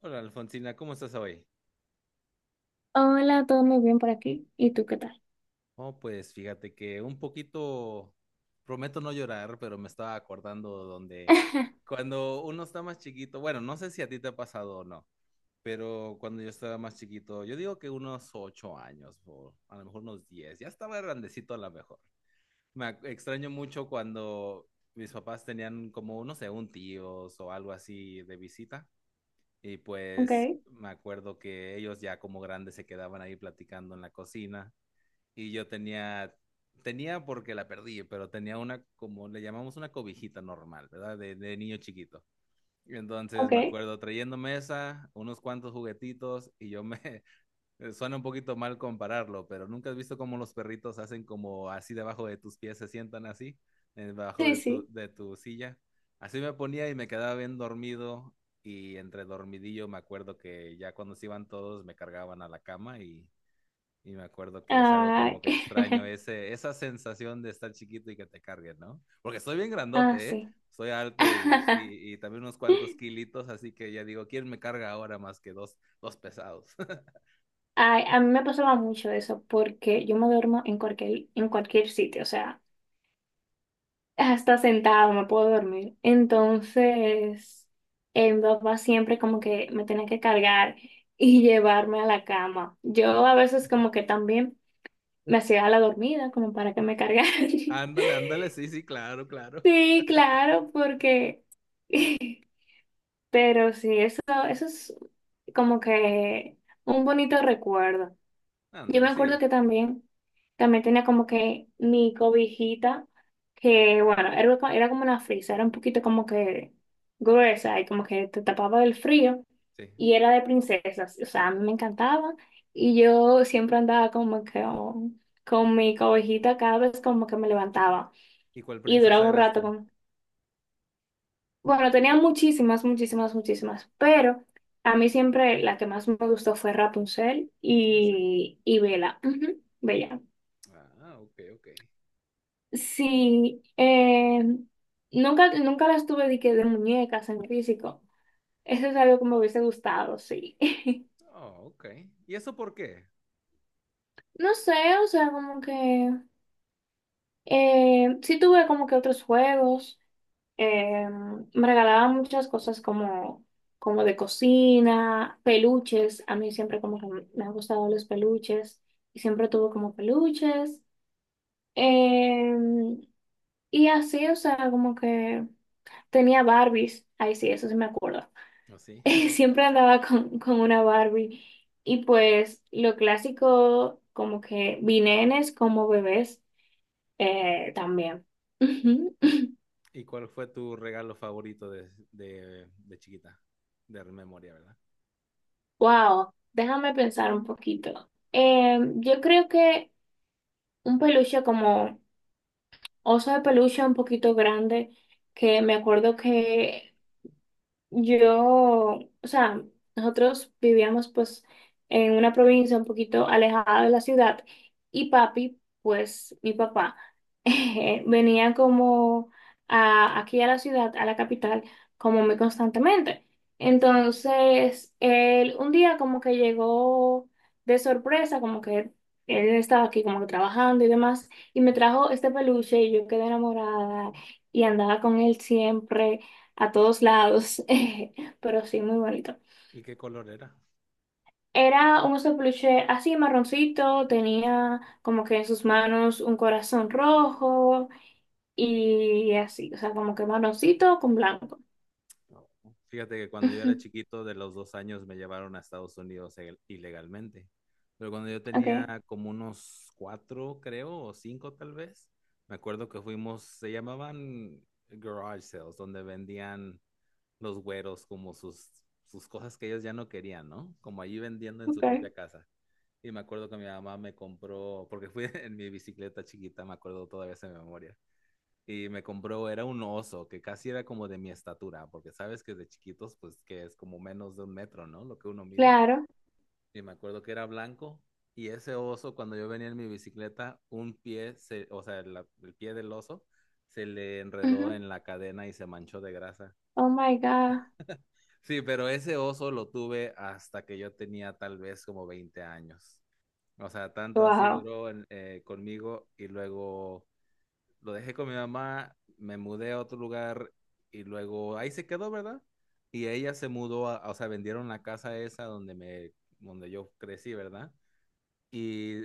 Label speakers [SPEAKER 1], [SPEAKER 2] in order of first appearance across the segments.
[SPEAKER 1] Hola, Alfonsina, ¿cómo estás hoy?
[SPEAKER 2] Hola, todo muy bien por aquí. ¿Y tú qué tal?
[SPEAKER 1] Oh, pues fíjate que un poquito, prometo no llorar, pero me estaba acordando donde cuando uno está más chiquito, bueno, no sé si a ti te ha pasado o no, pero cuando yo estaba más chiquito, yo digo que unos ocho años o a lo mejor unos 10, ya estaba grandecito a lo mejor. Extraño mucho cuando mis papás tenían como, no sé, un tíos o algo así de visita. Y
[SPEAKER 2] Ok,
[SPEAKER 1] pues me acuerdo que ellos ya como grandes se quedaban ahí platicando en la cocina y yo tenía, tenía porque la perdí, pero tenía una, como le llamamos, una cobijita normal, ¿verdad? De niño chiquito. Y entonces
[SPEAKER 2] ok.
[SPEAKER 1] me acuerdo trayéndome esa, unos cuantos juguetitos y yo me suena un poquito mal compararlo, pero nunca has visto cómo los perritos hacen como así debajo de tus pies, se sientan así, debajo
[SPEAKER 2] Sí,
[SPEAKER 1] de tu,
[SPEAKER 2] sí.
[SPEAKER 1] de tu silla. Así me ponía y me quedaba bien dormido, y entre dormidillo me acuerdo que ya cuando se iban todos me cargaban a la cama, y me acuerdo que es algo
[SPEAKER 2] Ay,
[SPEAKER 1] como que extraño ese, esa sensación de estar chiquito y que te carguen, ¿no? Porque estoy bien
[SPEAKER 2] ah,
[SPEAKER 1] grandote, ¿eh?
[SPEAKER 2] sí.
[SPEAKER 1] Soy alto y, y, y también unos cuantos kilitos, así que ya digo, ¿quién me carga ahora más que dos pesados?
[SPEAKER 2] Ay, a mí me pasaba mucho eso porque yo me duermo en cualquier sitio, o sea, hasta sentado me puedo dormir. Entonces, mi papá siempre como que me tenía que cargar y llevarme a la cama. Yo a veces como que también me hacía la dormida como para que me cargara.
[SPEAKER 1] Ándale, ándale, sí, sí, claro, claro.
[SPEAKER 2] Sí, claro, porque... Pero sí, eso es como que un bonito recuerdo. Yo me
[SPEAKER 1] Ándale,
[SPEAKER 2] acuerdo
[SPEAKER 1] sí,
[SPEAKER 2] que también tenía como que mi cobijita, que bueno, era, era como una frisa, era un poquito como que gruesa y como que te tapaba del frío
[SPEAKER 1] sí.
[SPEAKER 2] y era de princesas. O sea, a mí me encantaba y yo siempre andaba como que oh, con mi cobijita cada vez como que me levantaba
[SPEAKER 1] ¿Y cuál
[SPEAKER 2] y duraba
[SPEAKER 1] princesa
[SPEAKER 2] un
[SPEAKER 1] eras
[SPEAKER 2] rato.
[SPEAKER 1] tú?
[SPEAKER 2] Bueno, tenía muchísimas, muchísimas, muchísimas, pero a mí siempre la que más me gustó fue Rapunzel
[SPEAKER 1] Oh, sí.
[SPEAKER 2] y Bella. Ujú, Bella.
[SPEAKER 1] Ah, ok, ok.
[SPEAKER 2] Sí, nunca las tuve de, que de muñecas en físico. Eso es algo que me hubiese gustado, sí.
[SPEAKER 1] Oh, ok. ¿Y eso por qué?
[SPEAKER 2] No sé, o sea, como que... sí tuve como que otros juegos. Eh, me regalaban muchas cosas como de cocina, peluches. A mí siempre como que me han gustado los peluches y siempre tuve como peluches. Eh, y así, o sea, como que tenía Barbies. Ay, sí, eso sí me acuerdo.
[SPEAKER 1] Oh, sí.
[SPEAKER 2] Siempre andaba con una Barbie. Y pues lo clásico, como que vinenes como bebés también.
[SPEAKER 1] ¿Y cuál fue tu regalo favorito de chiquita? De memoria, ¿verdad?
[SPEAKER 2] Wow, déjame pensar un poquito. Yo creo que un peluche como oso de peluche un poquito grande, que me acuerdo que yo, o sea, nosotros vivíamos pues en una provincia un poquito alejada de la ciudad y papi, pues mi papá, venía como aquí a la ciudad, a la capital, como muy constantemente.
[SPEAKER 1] Sí.
[SPEAKER 2] Entonces, él un día como que llegó de sorpresa, como que él estaba aquí como que trabajando y demás, y me trajo este peluche y yo quedé enamorada y andaba con él siempre a todos lados, pero sí, muy bonito.
[SPEAKER 1] ¿Y qué color era?
[SPEAKER 2] Era un oso peluche así marroncito, tenía como que en sus manos un corazón rojo y así, o sea, como que marroncito con blanco.
[SPEAKER 1] Fíjate que cuando yo era
[SPEAKER 2] Ujú,
[SPEAKER 1] chiquito, de los dos años, me llevaron a Estados Unidos ilegalmente. Pero cuando yo
[SPEAKER 2] okay,
[SPEAKER 1] tenía como unos cuatro, creo, o cinco tal vez, me acuerdo que fuimos, se llamaban garage sales, donde vendían los güeros como sus, sus cosas que ellos ya no querían, ¿no? Como allí vendiendo en su
[SPEAKER 2] okay.
[SPEAKER 1] propia casa. Y me acuerdo que mi mamá me compró, porque fui en mi bicicleta chiquita, me acuerdo todavía esa memoria, y me compró, era un oso que casi era como de mi estatura, porque sabes que de chiquitos, pues, que es como menos de un metro, ¿no? Lo que uno mide.
[SPEAKER 2] Claro.
[SPEAKER 1] Y me acuerdo que era blanco, y ese oso, cuando yo venía en mi bicicleta, un pie, se, o sea, el pie del oso se le enredó
[SPEAKER 2] Ujú.
[SPEAKER 1] en la cadena y se manchó de grasa.
[SPEAKER 2] Oh my God.
[SPEAKER 1] Sí, pero ese oso lo tuve hasta que yo tenía tal vez como 20 años. O sea, tanto así
[SPEAKER 2] Wow.
[SPEAKER 1] duró conmigo, y luego lo dejé con mi mamá, me mudé a otro lugar y luego ahí se quedó, ¿verdad? Y ella se mudó, a, o sea, vendieron la casa esa donde me, donde yo crecí, ¿verdad? Y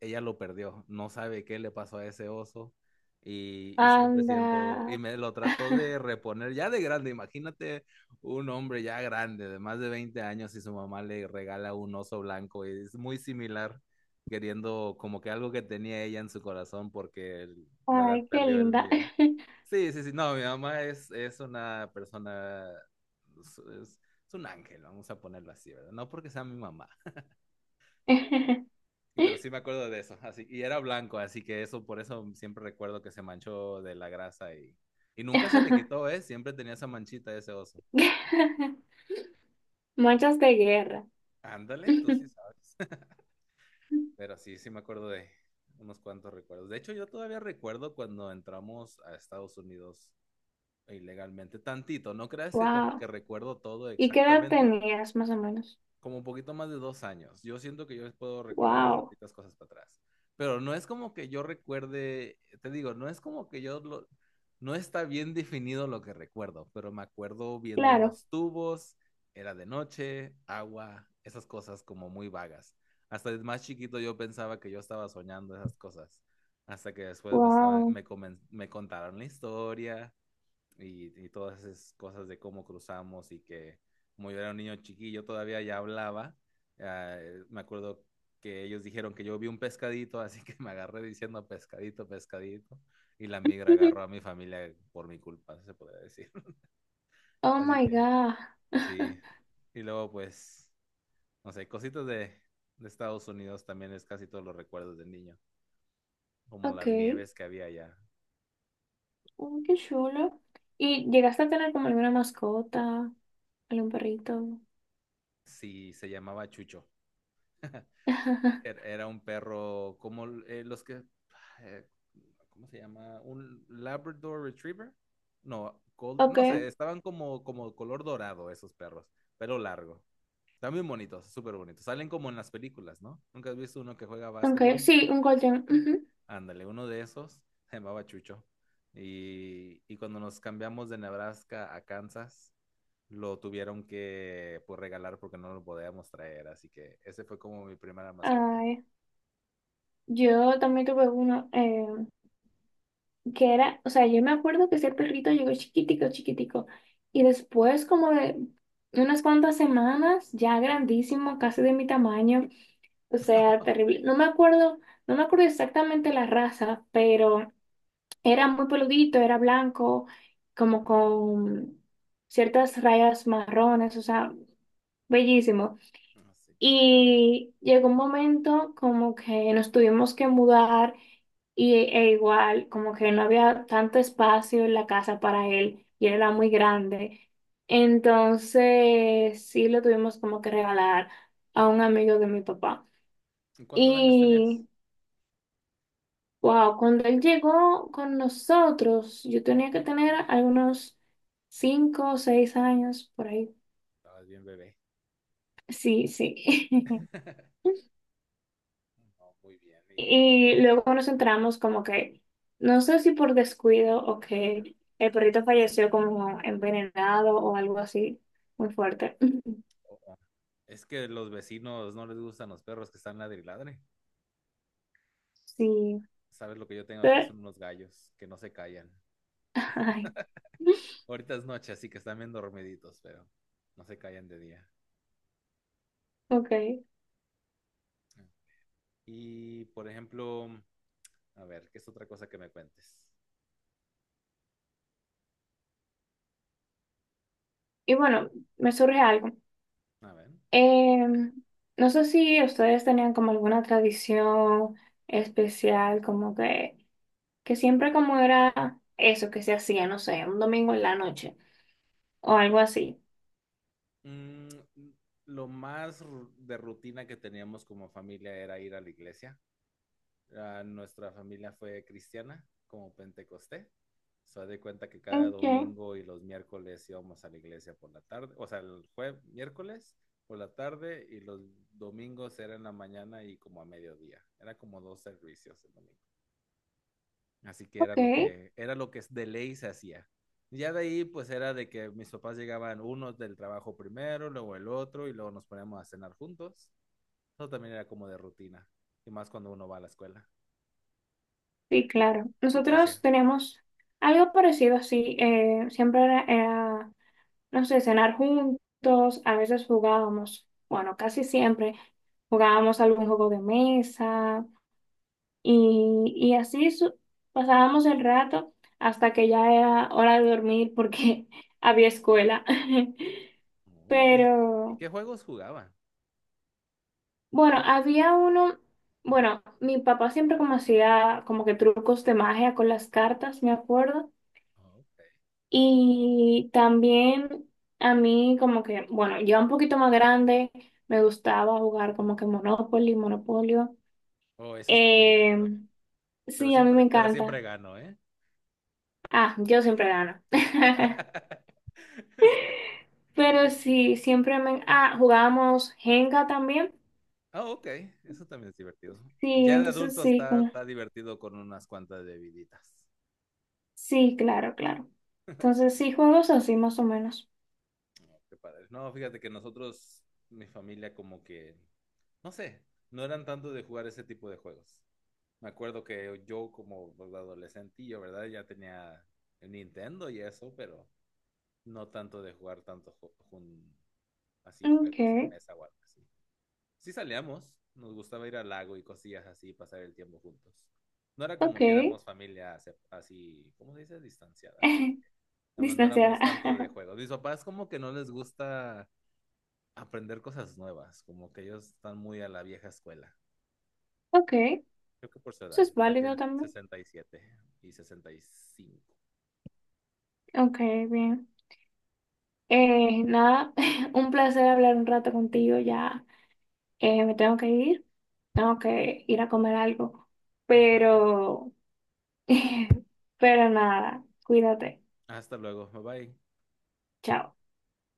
[SPEAKER 1] ella lo perdió. No sabe qué le pasó a ese oso, y siempre siento, y
[SPEAKER 2] Anda.
[SPEAKER 1] me lo trató de reponer ya de grande. Imagínate un hombre ya grande, de más de 20 años, y su mamá le regala un oso blanco y es muy similar, queriendo como que algo que tenía ella en su corazón porque él, ¿verdad?,
[SPEAKER 2] Ay, qué
[SPEAKER 1] perdió el
[SPEAKER 2] linda.
[SPEAKER 1] mío. Sí, sí, sí, no, mi mamá es una persona, es es un ángel, vamos a ponerlo así, ¿verdad? No porque sea mi mamá, pero sí me acuerdo de eso. Así, y era blanco, así que eso, por eso siempre recuerdo que se manchó de la grasa, y nunca se le quitó, ¿eh? Siempre tenía esa manchita ese oso.
[SPEAKER 2] Manchas de guerra.
[SPEAKER 1] Ándale, tú sí sabes. Pero sí, sí me acuerdo de unos cuantos recuerdos. De hecho, yo todavía recuerdo cuando entramos a Estados Unidos ilegalmente, tantito. No creas que como que
[SPEAKER 2] Wow.
[SPEAKER 1] recuerdo todo
[SPEAKER 2] ¿Y qué edad
[SPEAKER 1] exactamente,
[SPEAKER 2] tenías más o menos?
[SPEAKER 1] como un poquito más de dos años. Yo siento que yo les puedo recordar
[SPEAKER 2] Wow,
[SPEAKER 1] bastantitas cosas para atrás. Pero no es como que yo recuerde, te digo, no es como que yo lo, no está bien definido lo que recuerdo, pero me acuerdo viendo
[SPEAKER 2] claro,
[SPEAKER 1] unos tubos, era de noche, agua, esas cosas como muy vagas. Hasta de más chiquito yo pensaba que yo estaba soñando esas cosas, hasta que después me estaban,
[SPEAKER 2] wow.
[SPEAKER 1] me, me contaron la historia, y todas esas cosas de cómo cruzamos, y que como yo era un niño chiquillo todavía ya hablaba, me acuerdo que ellos dijeron que yo vi un pescadito, así que me agarré diciendo pescadito, pescadito, y la migra agarró a mi familia por mi culpa, se podría decir.
[SPEAKER 2] Oh
[SPEAKER 1] Así
[SPEAKER 2] my
[SPEAKER 1] que
[SPEAKER 2] God.
[SPEAKER 1] sí, y luego, pues, no sé, cositas de Estados Unidos también es casi todos los recuerdos de niño, como
[SPEAKER 2] Ok,
[SPEAKER 1] las nieves que había allá.
[SPEAKER 2] mm, qué chulo. ¿Y llegaste a tener como alguna mascota, algún perrito?
[SPEAKER 1] Sí, se llamaba Chucho. Era un perro como los que, eh, ¿cómo se llama? ¿Un Labrador Retriever? No,
[SPEAKER 2] Ok,
[SPEAKER 1] no sé, estaban como, como color dorado esos perros, pelo largo. Están bien bonitos, súper bonitos. Salen como en las películas, ¿no? ¿Nunca has visto uno que juega
[SPEAKER 2] ok,
[SPEAKER 1] básquetbol?
[SPEAKER 2] sí, un golden. Ujú.
[SPEAKER 1] Ándale, uno de esos se llamaba Chucho. Y cuando nos cambiamos de Nebraska a Kansas, lo tuvieron que, pues, regalar porque no lo podíamos traer. Así que ese fue como mi primera mascota.
[SPEAKER 2] Ay, yo también tuve uno. Que era, o sea, yo me acuerdo que ese perrito llegó chiquitico, chiquitico, y después como de unas cuantas semanas, ya grandísimo, casi de mi tamaño, o sea, terrible. No me acuerdo exactamente la raza, pero era muy peludito, era blanco, como con ciertas rayas marrones, o sea, bellísimo.
[SPEAKER 1] Así.
[SPEAKER 2] Y llegó un momento como que nos tuvimos que mudar y, e igual como que no había tanto espacio en la casa para él y él era
[SPEAKER 1] Sí.
[SPEAKER 2] muy grande. Entonces sí lo tuvimos como que regalar a un amigo de mi papá.
[SPEAKER 1] ¿Y ¿cuántos años tenías?
[SPEAKER 2] Y wow, cuando él llegó con nosotros, yo tenía que tener algunos cinco o seis años por ahí.
[SPEAKER 1] Estabas bien bebé.
[SPEAKER 2] Sí, sí.
[SPEAKER 1] No, muy bien. Y
[SPEAKER 2] Y luego nos entramos como que, no sé si por descuido o que el perrito falleció como envenenado o algo así, muy fuerte.
[SPEAKER 1] oh, oh, es que los vecinos no les gustan los perros que están ladriladre.
[SPEAKER 2] Sí,
[SPEAKER 1] Sabes, lo que yo tengo aquí
[SPEAKER 2] pero,
[SPEAKER 1] son unos gallos que no se callan.
[SPEAKER 2] ay,
[SPEAKER 1] Ahorita es noche, así que están bien dormiditos, pero no se callan de día.
[SPEAKER 2] ok.
[SPEAKER 1] Ah. Y por ejemplo, a ver, ¿qué es otra cosa que me cuentes?
[SPEAKER 2] Y bueno, me surge algo.
[SPEAKER 1] A ver.
[SPEAKER 2] Em, no sé si ustedes tenían como alguna tradición especial, como que siempre como era eso que se hacía, no sé, un domingo en la noche o algo así.
[SPEAKER 1] Mm, lo más de rutina que teníamos como familia era ir a la iglesia. Ah, nuestra familia fue cristiana, como pentecosté. Se de cuenta que cada
[SPEAKER 2] Ok,
[SPEAKER 1] domingo y los miércoles íbamos a la iglesia por la tarde, o sea, el jueves, miércoles por la tarde, y los domingos era en la mañana y como a mediodía. Era como dos servicios el domingo. Así que era lo
[SPEAKER 2] ok.
[SPEAKER 1] que, era lo que de ley se hacía. Ya de ahí pues era de que mis papás llegaban unos del trabajo primero, luego el otro, y luego nos poníamos a cenar juntos. Eso también era como de rutina, y más cuando uno va a la escuela.
[SPEAKER 2] Sí,
[SPEAKER 1] ¿Tú,
[SPEAKER 2] claro.
[SPEAKER 1] tú qué
[SPEAKER 2] Nosotros
[SPEAKER 1] hacías?
[SPEAKER 2] teníamos algo parecido así. No sé, cenar juntos. A veces jugábamos, bueno, casi siempre jugábamos algún juego de mesa y así pasábamos el rato hasta que ya era hora de dormir porque había escuela.
[SPEAKER 1] Oh, y
[SPEAKER 2] Pero
[SPEAKER 1] qué juegos jugaban?
[SPEAKER 2] bueno, había uno, bueno, mi papá siempre como hacía como que trucos de magia con las cartas, me acuerdo.
[SPEAKER 1] Oh, ok.
[SPEAKER 2] Y también a mí como que, bueno, yo un poquito más grande me gustaba jugar como que Monopoly, Monopolio.
[SPEAKER 1] Oh, eso está muy
[SPEAKER 2] Eh,
[SPEAKER 1] divertido.
[SPEAKER 2] sí, a mí me
[SPEAKER 1] Pero siempre
[SPEAKER 2] encanta.
[SPEAKER 1] gano, ¿eh?
[SPEAKER 2] Ah, yo siempre gano. Pero sí, siempre me... Ah, jugábamos Jenga también.
[SPEAKER 1] Ah, ok. Eso también es divertido.
[SPEAKER 2] Sí,
[SPEAKER 1] Ya de
[SPEAKER 2] entonces
[SPEAKER 1] adulto
[SPEAKER 2] sí,
[SPEAKER 1] está,
[SPEAKER 2] como...
[SPEAKER 1] está divertido con unas cuantas bebiditas.
[SPEAKER 2] Sí, claro, claro. Entonces sí, juegos así más o menos.
[SPEAKER 1] Qué padre. No, fíjate que nosotros, mi familia, como que, no sé, no eran tanto de jugar ese tipo de juegos. Me acuerdo que yo como adolescentillo, ¿verdad? Ya tenía el Nintendo y eso, pero no tanto de jugar tanto así
[SPEAKER 2] Ok,
[SPEAKER 1] juegos de mesa o algo así. Sí salíamos, nos gustaba ir al lago y cosillas así, pasar el tiempo juntos. No era
[SPEAKER 2] ok.
[SPEAKER 1] como que éramos familia así, ¿cómo se dice? Distanciada, así. Nada más no
[SPEAKER 2] Distanciada.
[SPEAKER 1] éramos tanto de juegos. Mis papás como que no les gusta aprender cosas nuevas, como que ellos están muy a la vieja escuela.
[SPEAKER 2] Ok, eso
[SPEAKER 1] Creo que por su edad,
[SPEAKER 2] es
[SPEAKER 1] ya
[SPEAKER 2] válido
[SPEAKER 1] tienen
[SPEAKER 2] también.
[SPEAKER 1] sesenta y 65.
[SPEAKER 2] Ok, bien. Nada, un placer hablar un rato contigo. Ya me tengo que ir a comer algo,
[SPEAKER 1] Va que va.
[SPEAKER 2] pero, pero nada, cuídate.
[SPEAKER 1] Hasta luego, bye bye.
[SPEAKER 2] Chao.